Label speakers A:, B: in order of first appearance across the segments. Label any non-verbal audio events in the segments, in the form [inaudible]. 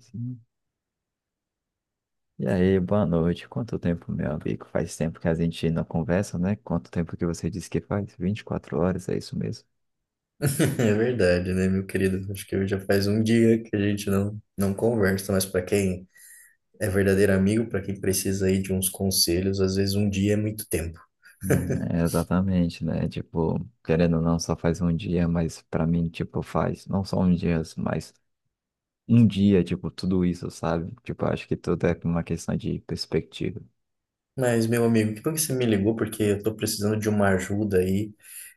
A: Sim. E aí, boa noite. Quanto tempo, meu amigo? Faz tempo que a gente não conversa, né? Quanto tempo que você disse que faz? 24 horas, é isso mesmo?
B: [laughs] É verdade, né, meu querido? Acho que já faz um dia que a gente não conversa, mas para quem é verdadeiro amigo, para quem precisa aí de uns conselhos, às vezes um dia é muito tempo.
A: É,
B: [laughs]
A: exatamente, né? Tipo, querendo ou não, só faz um dia, mas pra mim, tipo, faz não só um dia, mas um dia, tipo, tudo isso, sabe? Tipo, acho que tudo é uma questão de perspectiva.
B: Mas, meu amigo, que bom que você me ligou, porque eu estou precisando de uma ajuda aí.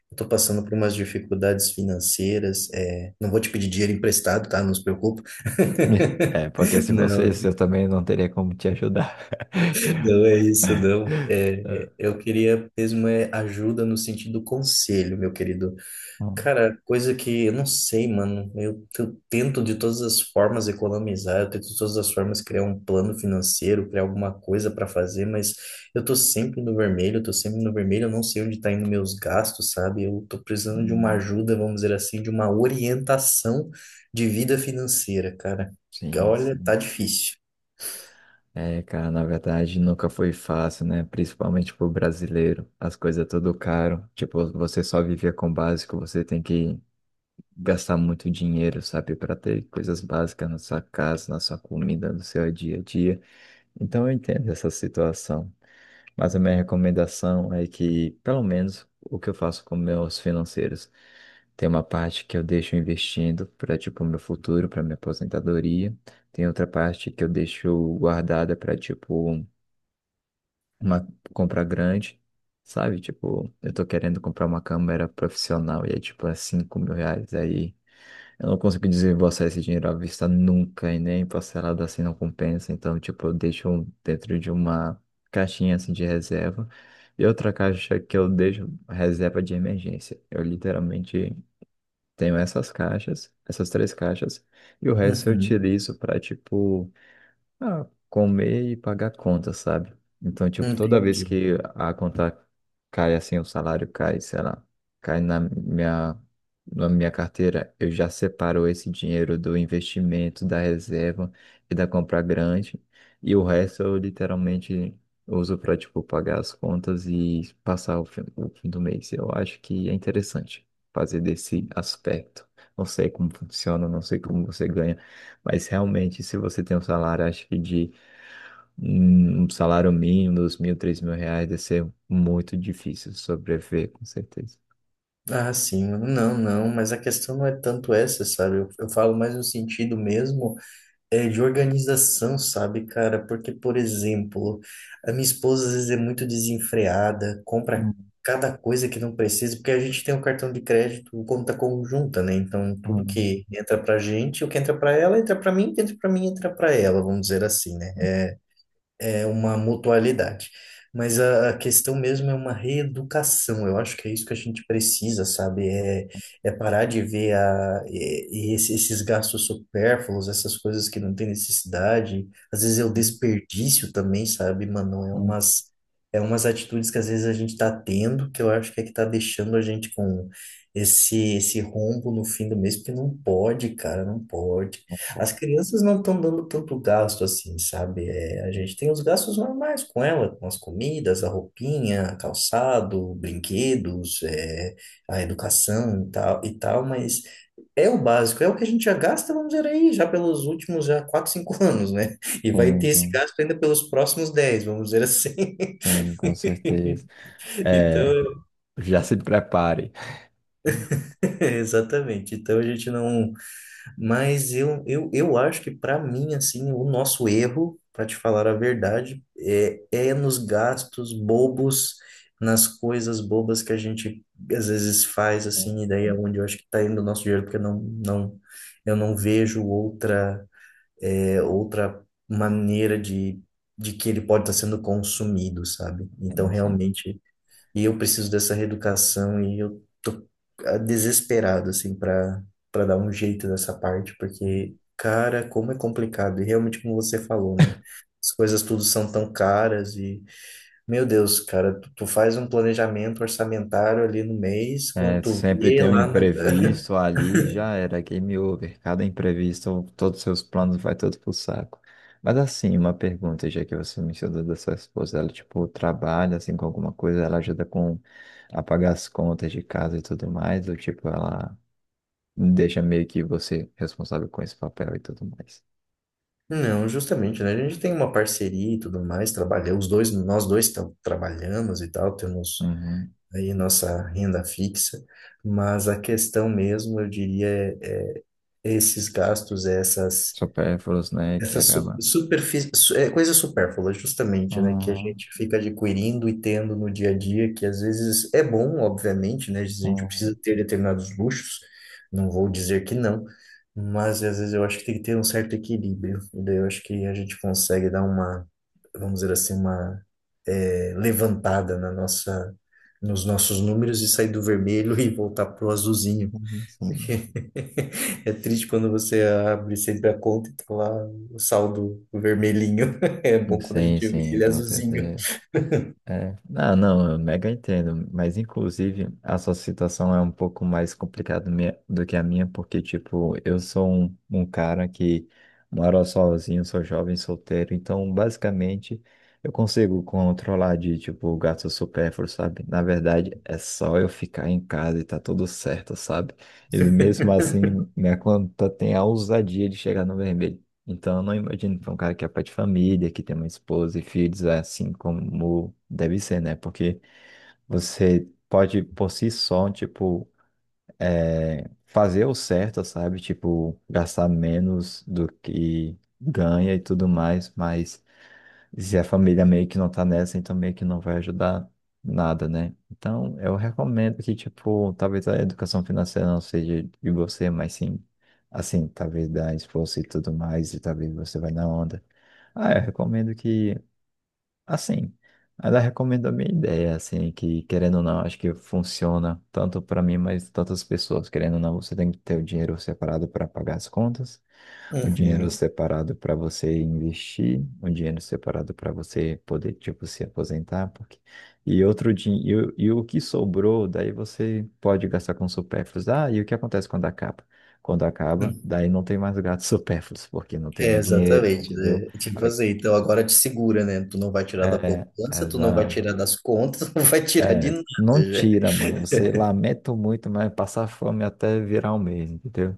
B: Eu estou passando por umas dificuldades financeiras. Não vou te pedir dinheiro emprestado, tá? Não se preocupe.
A: [laughs] É, porque
B: [laughs]
A: se você,
B: Não,
A: eu também não teria como te ajudar. [laughs]
B: não é isso, não.
A: É.
B: Eu queria mesmo ajuda no sentido conselho, meu querido.
A: Hum,
B: Cara, coisa que eu não sei, mano. Eu tento de todas as formas economizar, eu tento de todas as formas criar um plano financeiro, criar alguma coisa para fazer, mas eu tô sempre no vermelho, eu tô sempre no vermelho, eu não sei onde tá indo meus gastos, sabe? Eu tô precisando de uma ajuda, vamos dizer assim, de uma orientação de vida financeira, cara.
A: sim,
B: Olha, tá
A: sim.
B: difícil.
A: É, cara, na verdade nunca foi fácil, né? Principalmente pro brasileiro. As coisas é tudo caro. Tipo, você só viver com o básico, você tem que gastar muito dinheiro, sabe? Pra ter coisas básicas na sua casa, na sua comida, no seu dia a dia. Então eu entendo essa situação. Mas a minha recomendação é que, pelo menos, o que eu faço com meus financeiros. Tem uma parte que eu deixo investindo para, tipo, meu futuro, para minha aposentadoria. Tem outra parte que eu deixo guardada para, tipo, uma compra grande, sabe? Tipo, eu tô querendo comprar uma câmera profissional e é tipo R$ 5.000. Aí eu não consigo desembolsar esse dinheiro à vista nunca e nem parcelado assim não compensa. Então, tipo, eu deixo dentro de uma caixinha assim de reserva e outra caixa que eu deixo reserva de emergência. Eu literalmente tenho essas três caixas, e o resto eu
B: Uhum,
A: utilizo para tipo. Ah, comer e pagar conta, sabe? Então, tipo, toda vez
B: entendi.
A: que a conta cai assim, o salário cai, sei lá, cai na minha carteira, eu já separo esse dinheiro do investimento, da reserva e da compra grande. E o resto eu literalmente uso para, tipo, pagar as contas e passar o fim do mês. Eu acho que é interessante fazer desse aspecto. Não sei como funciona, não sei como você ganha. Mas realmente, se você tem um salário, acho que de um salário mínimo, dos mil, R$ 3.000, deve ser muito difícil sobreviver, com certeza.
B: Ah, sim, mano. Não, não, mas a questão não é tanto essa, sabe? Eu falo mais no sentido mesmo. É de organização, sabe, cara? Porque, por exemplo, a minha esposa às vezes é muito desenfreada, compra
A: Hum,
B: cada coisa que não precisa, porque a gente tem um cartão de crédito, um conta conjunta, né? Então, tudo
A: hum,
B: que entra pra gente, o que entra pra ela, entra pra mim, o que entra pra mim, entra pra ela, vamos dizer assim, né? É uma mutualidade. Mas a questão mesmo é uma reeducação. Eu acho que é isso que a gente precisa, sabe? É parar de ver a, e esse- esses gastos supérfluos, essas coisas que não tem necessidade. Às vezes é o
A: hum,
B: desperdício também, sabe, mano?
A: hum.
B: É umas atitudes que às vezes a gente tá tendo, que eu acho que é que tá deixando a gente com esse rombo no fim do mês, porque não pode, cara, não pode. As crianças não estão dando tanto gasto assim, sabe? É, a gente tem os gastos normais com ela, com as comidas, a roupinha, calçado, brinquedos, é, a educação e tal, mas é o básico, é o que a gente já gasta, vamos dizer aí, já pelos últimos já 4, 5 [laughs] anos, né? E vai
A: Sim,
B: ter esse
A: sim,
B: gasto ainda pelos próximos 10, vamos dizer assim.
A: sim, com certeza.
B: [laughs]
A: É,
B: Então,
A: já se prepare.
B: [laughs] exatamente. Então a gente não. Mas eu acho que, para mim, assim, o nosso erro, para te falar a verdade, é nos gastos bobos, nas coisas bobas que a gente às vezes faz, assim, e daí é onde eu acho que está indo o nosso dinheiro, porque não, eu não vejo outra maneira de que ele pode estar sendo consumido, sabe? Então,
A: Sim, sim.
B: realmente. E eu preciso dessa reeducação e eu tô ah, desesperado, assim, para dar um jeito nessa parte, porque, cara, como é complicado. E realmente, como você falou, né? As coisas tudo são tão caras e, meu Deus, cara, tu, tu faz um planejamento orçamentário ali no mês, quando
A: É,
B: tu
A: sempre
B: vê
A: tem um
B: lá na...
A: imprevisto ali, já era, game over. Cada imprevisto, todos os seus planos vai todo pro saco. Mas assim, uma pergunta, já que você mencionou da sua esposa, ela tipo trabalha assim com alguma coisa, ela ajuda com a pagar as contas de casa e tudo mais, ou tipo ela deixa meio que você responsável com esse papel e tudo mais.
B: Não, justamente, né? A gente tem uma parceria e tudo mais, trabalha, os dois, trabalhamos e tal, temos
A: Uhum.
B: aí nossa renda fixa, mas a questão mesmo, eu diria, é, esses gastos, essas,
A: Supérfluos, né, que
B: essas su-
A: acaba.
B: superfí- su- é, coisas supérfluas, justamente, né, que a
A: Uhum.
B: gente fica adquirindo e tendo no dia a dia, que às vezes é bom, obviamente, né, a gente precisa
A: Uhum.
B: ter determinados luxos, não vou dizer que não, mas às vezes eu acho que tem que ter um certo equilíbrio, e daí eu acho que a gente consegue dar uma, vamos dizer assim, uma levantada na nossa, nos nossos números e sair do vermelho [laughs] e voltar pro azulzinho. É triste quando você abre sempre a conta e tá lá o saldo vermelhinho. [laughs] É bom quando a
A: Sim,
B: gente vê
A: sim,
B: ele
A: com
B: azulzinho.
A: certeza. É. Ah, não, eu mega entendo, mas inclusive a sua situação é um pouco mais complicada do que a minha, porque, tipo, eu sou um cara que mora sozinho, sou jovem, solteiro, então, basicamente, eu consigo controlar de, tipo, gasto supérfluo, sabe? Na verdade, é só eu ficar em casa e tá tudo certo, sabe? E mesmo assim, minha conta tem a ousadia de chegar no vermelho. Então, eu não imagino para um cara que é pai de família, que tem uma esposa e filhos, é assim como deve ser, né? Porque você pode, por si só, tipo, é, fazer o certo, sabe? Tipo, gastar menos do que ganha e tudo mais, mas se a família meio que não tá nessa, então meio que não vai ajudar nada, né? Então, eu recomendo que, tipo, talvez a educação financeira não seja de você, mas sim, assim, talvez da esposa e tudo mais, e talvez você vai na onda. Ah, eu recomendo que, assim, ela recomenda a minha ideia, assim, que querendo ou não, acho que funciona tanto para mim, mas tantas pessoas. Querendo ou não, você tem que ter o dinheiro separado para pagar as contas, o dinheiro
B: Uhum.
A: separado para você investir, o dinheiro separado para você poder, tipo, se aposentar, porque... E outro dinheiro, e, e o que sobrou, daí você pode gastar com supérfluos. Ah, e o que acontece quando acaba? Quando acaba, daí não tem mais gatos [laughs] supérfluos, porque não tem
B: É,
A: mais dinheiro,
B: exatamente,
A: entendeu?
B: né? É tipo assim, então agora te segura, né? Tu não vai tirar da
A: É,
B: poupança, tu não vai
A: exato.
B: tirar das contas, [laughs] não vai tirar de
A: É,
B: nada
A: não
B: já.
A: tira, mano. Você lamenta muito, mas passar fome até virar um mês, entendeu?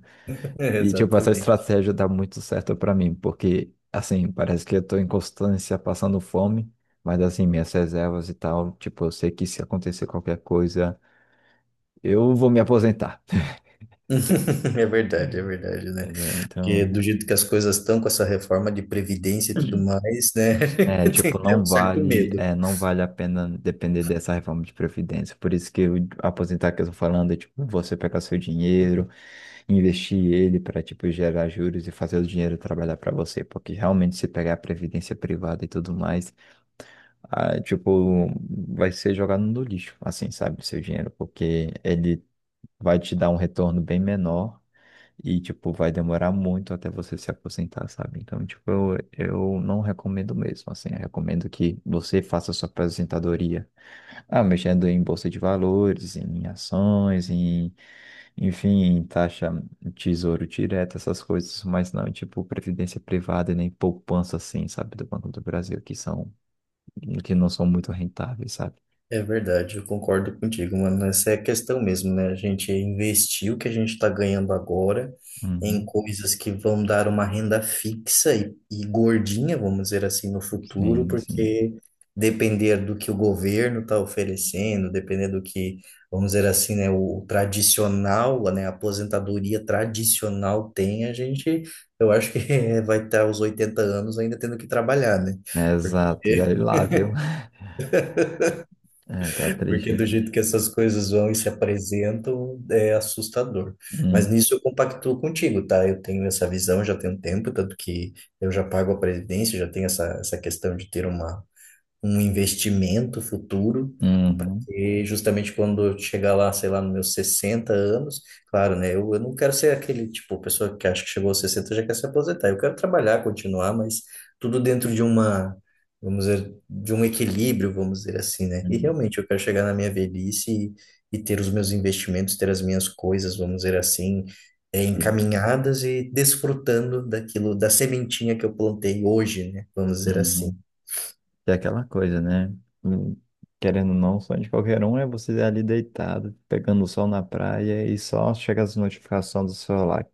B: É,
A: E, tipo, essa
B: exatamente.
A: estratégia dá muito certo pra mim, porque, assim, parece que eu tô em constância passando fome, mas, assim, minhas reservas e tal, tipo, eu sei que se acontecer qualquer coisa, eu vou me aposentar,
B: [laughs] É verdade,
A: [laughs]
B: né?
A: entendeu?
B: Porque
A: Então.
B: do jeito que as coisas estão com essa reforma de previdência e tudo mais, né?
A: É,
B: [laughs]
A: tipo,
B: Tem até um
A: não
B: certo
A: vale,
B: medo.
A: é, não vale a pena depender dessa reforma de previdência. Por isso que eu aposentar que eu tô falando é, tipo, você pegar seu dinheiro, investir ele para, tipo, gerar juros e fazer o dinheiro trabalhar para você. Porque realmente se pegar a previdência privada e tudo mais, ah, tipo, vai ser jogado no lixo, assim, sabe, seu dinheiro, porque ele vai te dar um retorno bem menor e, tipo, vai demorar muito até você se aposentar, sabe? Então, tipo, eu não recomendo mesmo, assim. Eu recomendo que você faça sua aposentadoria, ah, mexendo em bolsa de valores, em ações, em, enfim, em taxa, em tesouro direto, essas coisas. Mas não, tipo, previdência privada e nem poupança, assim, sabe? Do Banco do Brasil, que são, que não são muito rentáveis, sabe?
B: É verdade, eu concordo contigo, mano. Essa é a questão mesmo, né? A gente investir o que a gente está ganhando agora em
A: Uhum.
B: coisas que vão dar uma renda fixa e gordinha, vamos dizer assim, no futuro,
A: Sim, sim.
B: porque depender do que o governo está oferecendo, depender do que, vamos dizer assim, né, o tradicional, né, a aposentadoria tradicional tem, a gente, eu acho que [laughs] vai estar aos 80 anos ainda tendo que trabalhar, né? Porque
A: Exato. E olha lá, viu? [laughs] É, tá triste,
B: Porque
A: hein?
B: do jeito que essas coisas vão e se apresentam, é assustador. Mas
A: Uhum.
B: nisso eu compactuo contigo, tá? Eu tenho essa visão já tem um tempo, tanto que eu já pago a previdência, já tenho essa questão de ter uma, um investimento futuro.
A: Uhum.
B: E justamente quando eu chegar lá, sei lá, nos meus 60 anos, claro, né? Eu não quero ser aquele tipo, pessoa que acha que chegou aos 60 e já quer se aposentar. Eu quero trabalhar, continuar, mas tudo dentro de uma, vamos dizer, de um equilíbrio, vamos dizer assim, né? E
A: Uhum.
B: realmente eu quero chegar na minha velhice e ter os meus investimentos, ter as minhas coisas, vamos dizer assim, eh,
A: Sim.
B: encaminhadas e desfrutando daquilo, da sementinha que eu plantei hoje, né? Vamos dizer assim.
A: Uhum. É aquela coisa, né? Hum. Querendo ou não, o sonho de qualquer um é você ali deitado, pegando o sol na praia e só chega as notificações do celular.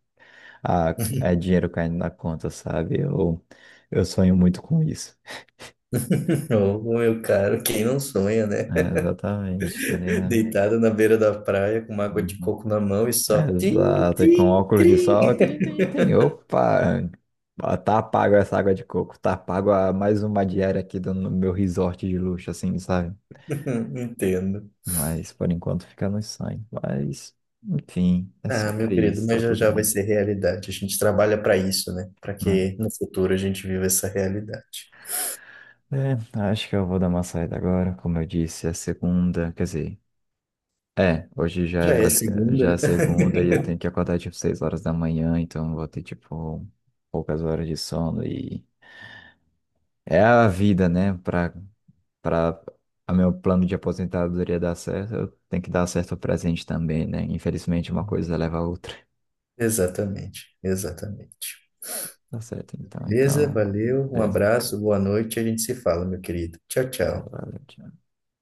A: Ah, é dinheiro caindo na conta, sabe? Eu sonho muito com isso.
B: [laughs] Ô, meu caro, quem não sonha, né?
A: É, exatamente, tá
B: [laughs]
A: ligado?
B: Deitado na beira da praia com uma água de
A: Uhum.
B: coco na mão e só
A: É,
B: trim,
A: exato, e com
B: trim,
A: óculos de
B: trim.
A: sol, tem, tem, tem. Opa! Ah, tá pago essa água de coco, tá pago a mais uma diária aqui do, no meu resort de luxo, assim, sabe?
B: [laughs] Entendo.
A: Mas por enquanto fica no sangue. Mas, enfim, é
B: Ah, meu
A: sobre
B: querido,
A: isso, tá
B: mas já
A: tudo
B: já vai
A: bem.
B: ser realidade. A gente trabalha para isso, né? Para
A: Né?
B: que no futuro a gente viva essa realidade.
A: É, acho que eu vou dar uma saída agora. Como eu disse, é segunda, quer dizer, é, hoje já é
B: Já é
A: basic- já é
B: segunda.
A: segunda e eu
B: [laughs]
A: tenho que acordar tipo 6 horas da manhã, então eu vou ter tipo poucas horas de sono e é a vida, né? Pra a meu plano de aposentadoria dar certo, eu tenho que dar certo o presente também, né? Infelizmente uma coisa leva a outra.
B: Exatamente, exatamente.
A: Tá certo, então,
B: Beleza?
A: então,
B: Valeu, um
A: beleza.
B: abraço, boa noite, a gente se fala, meu querido. Tchau, tchau.
A: Verdade.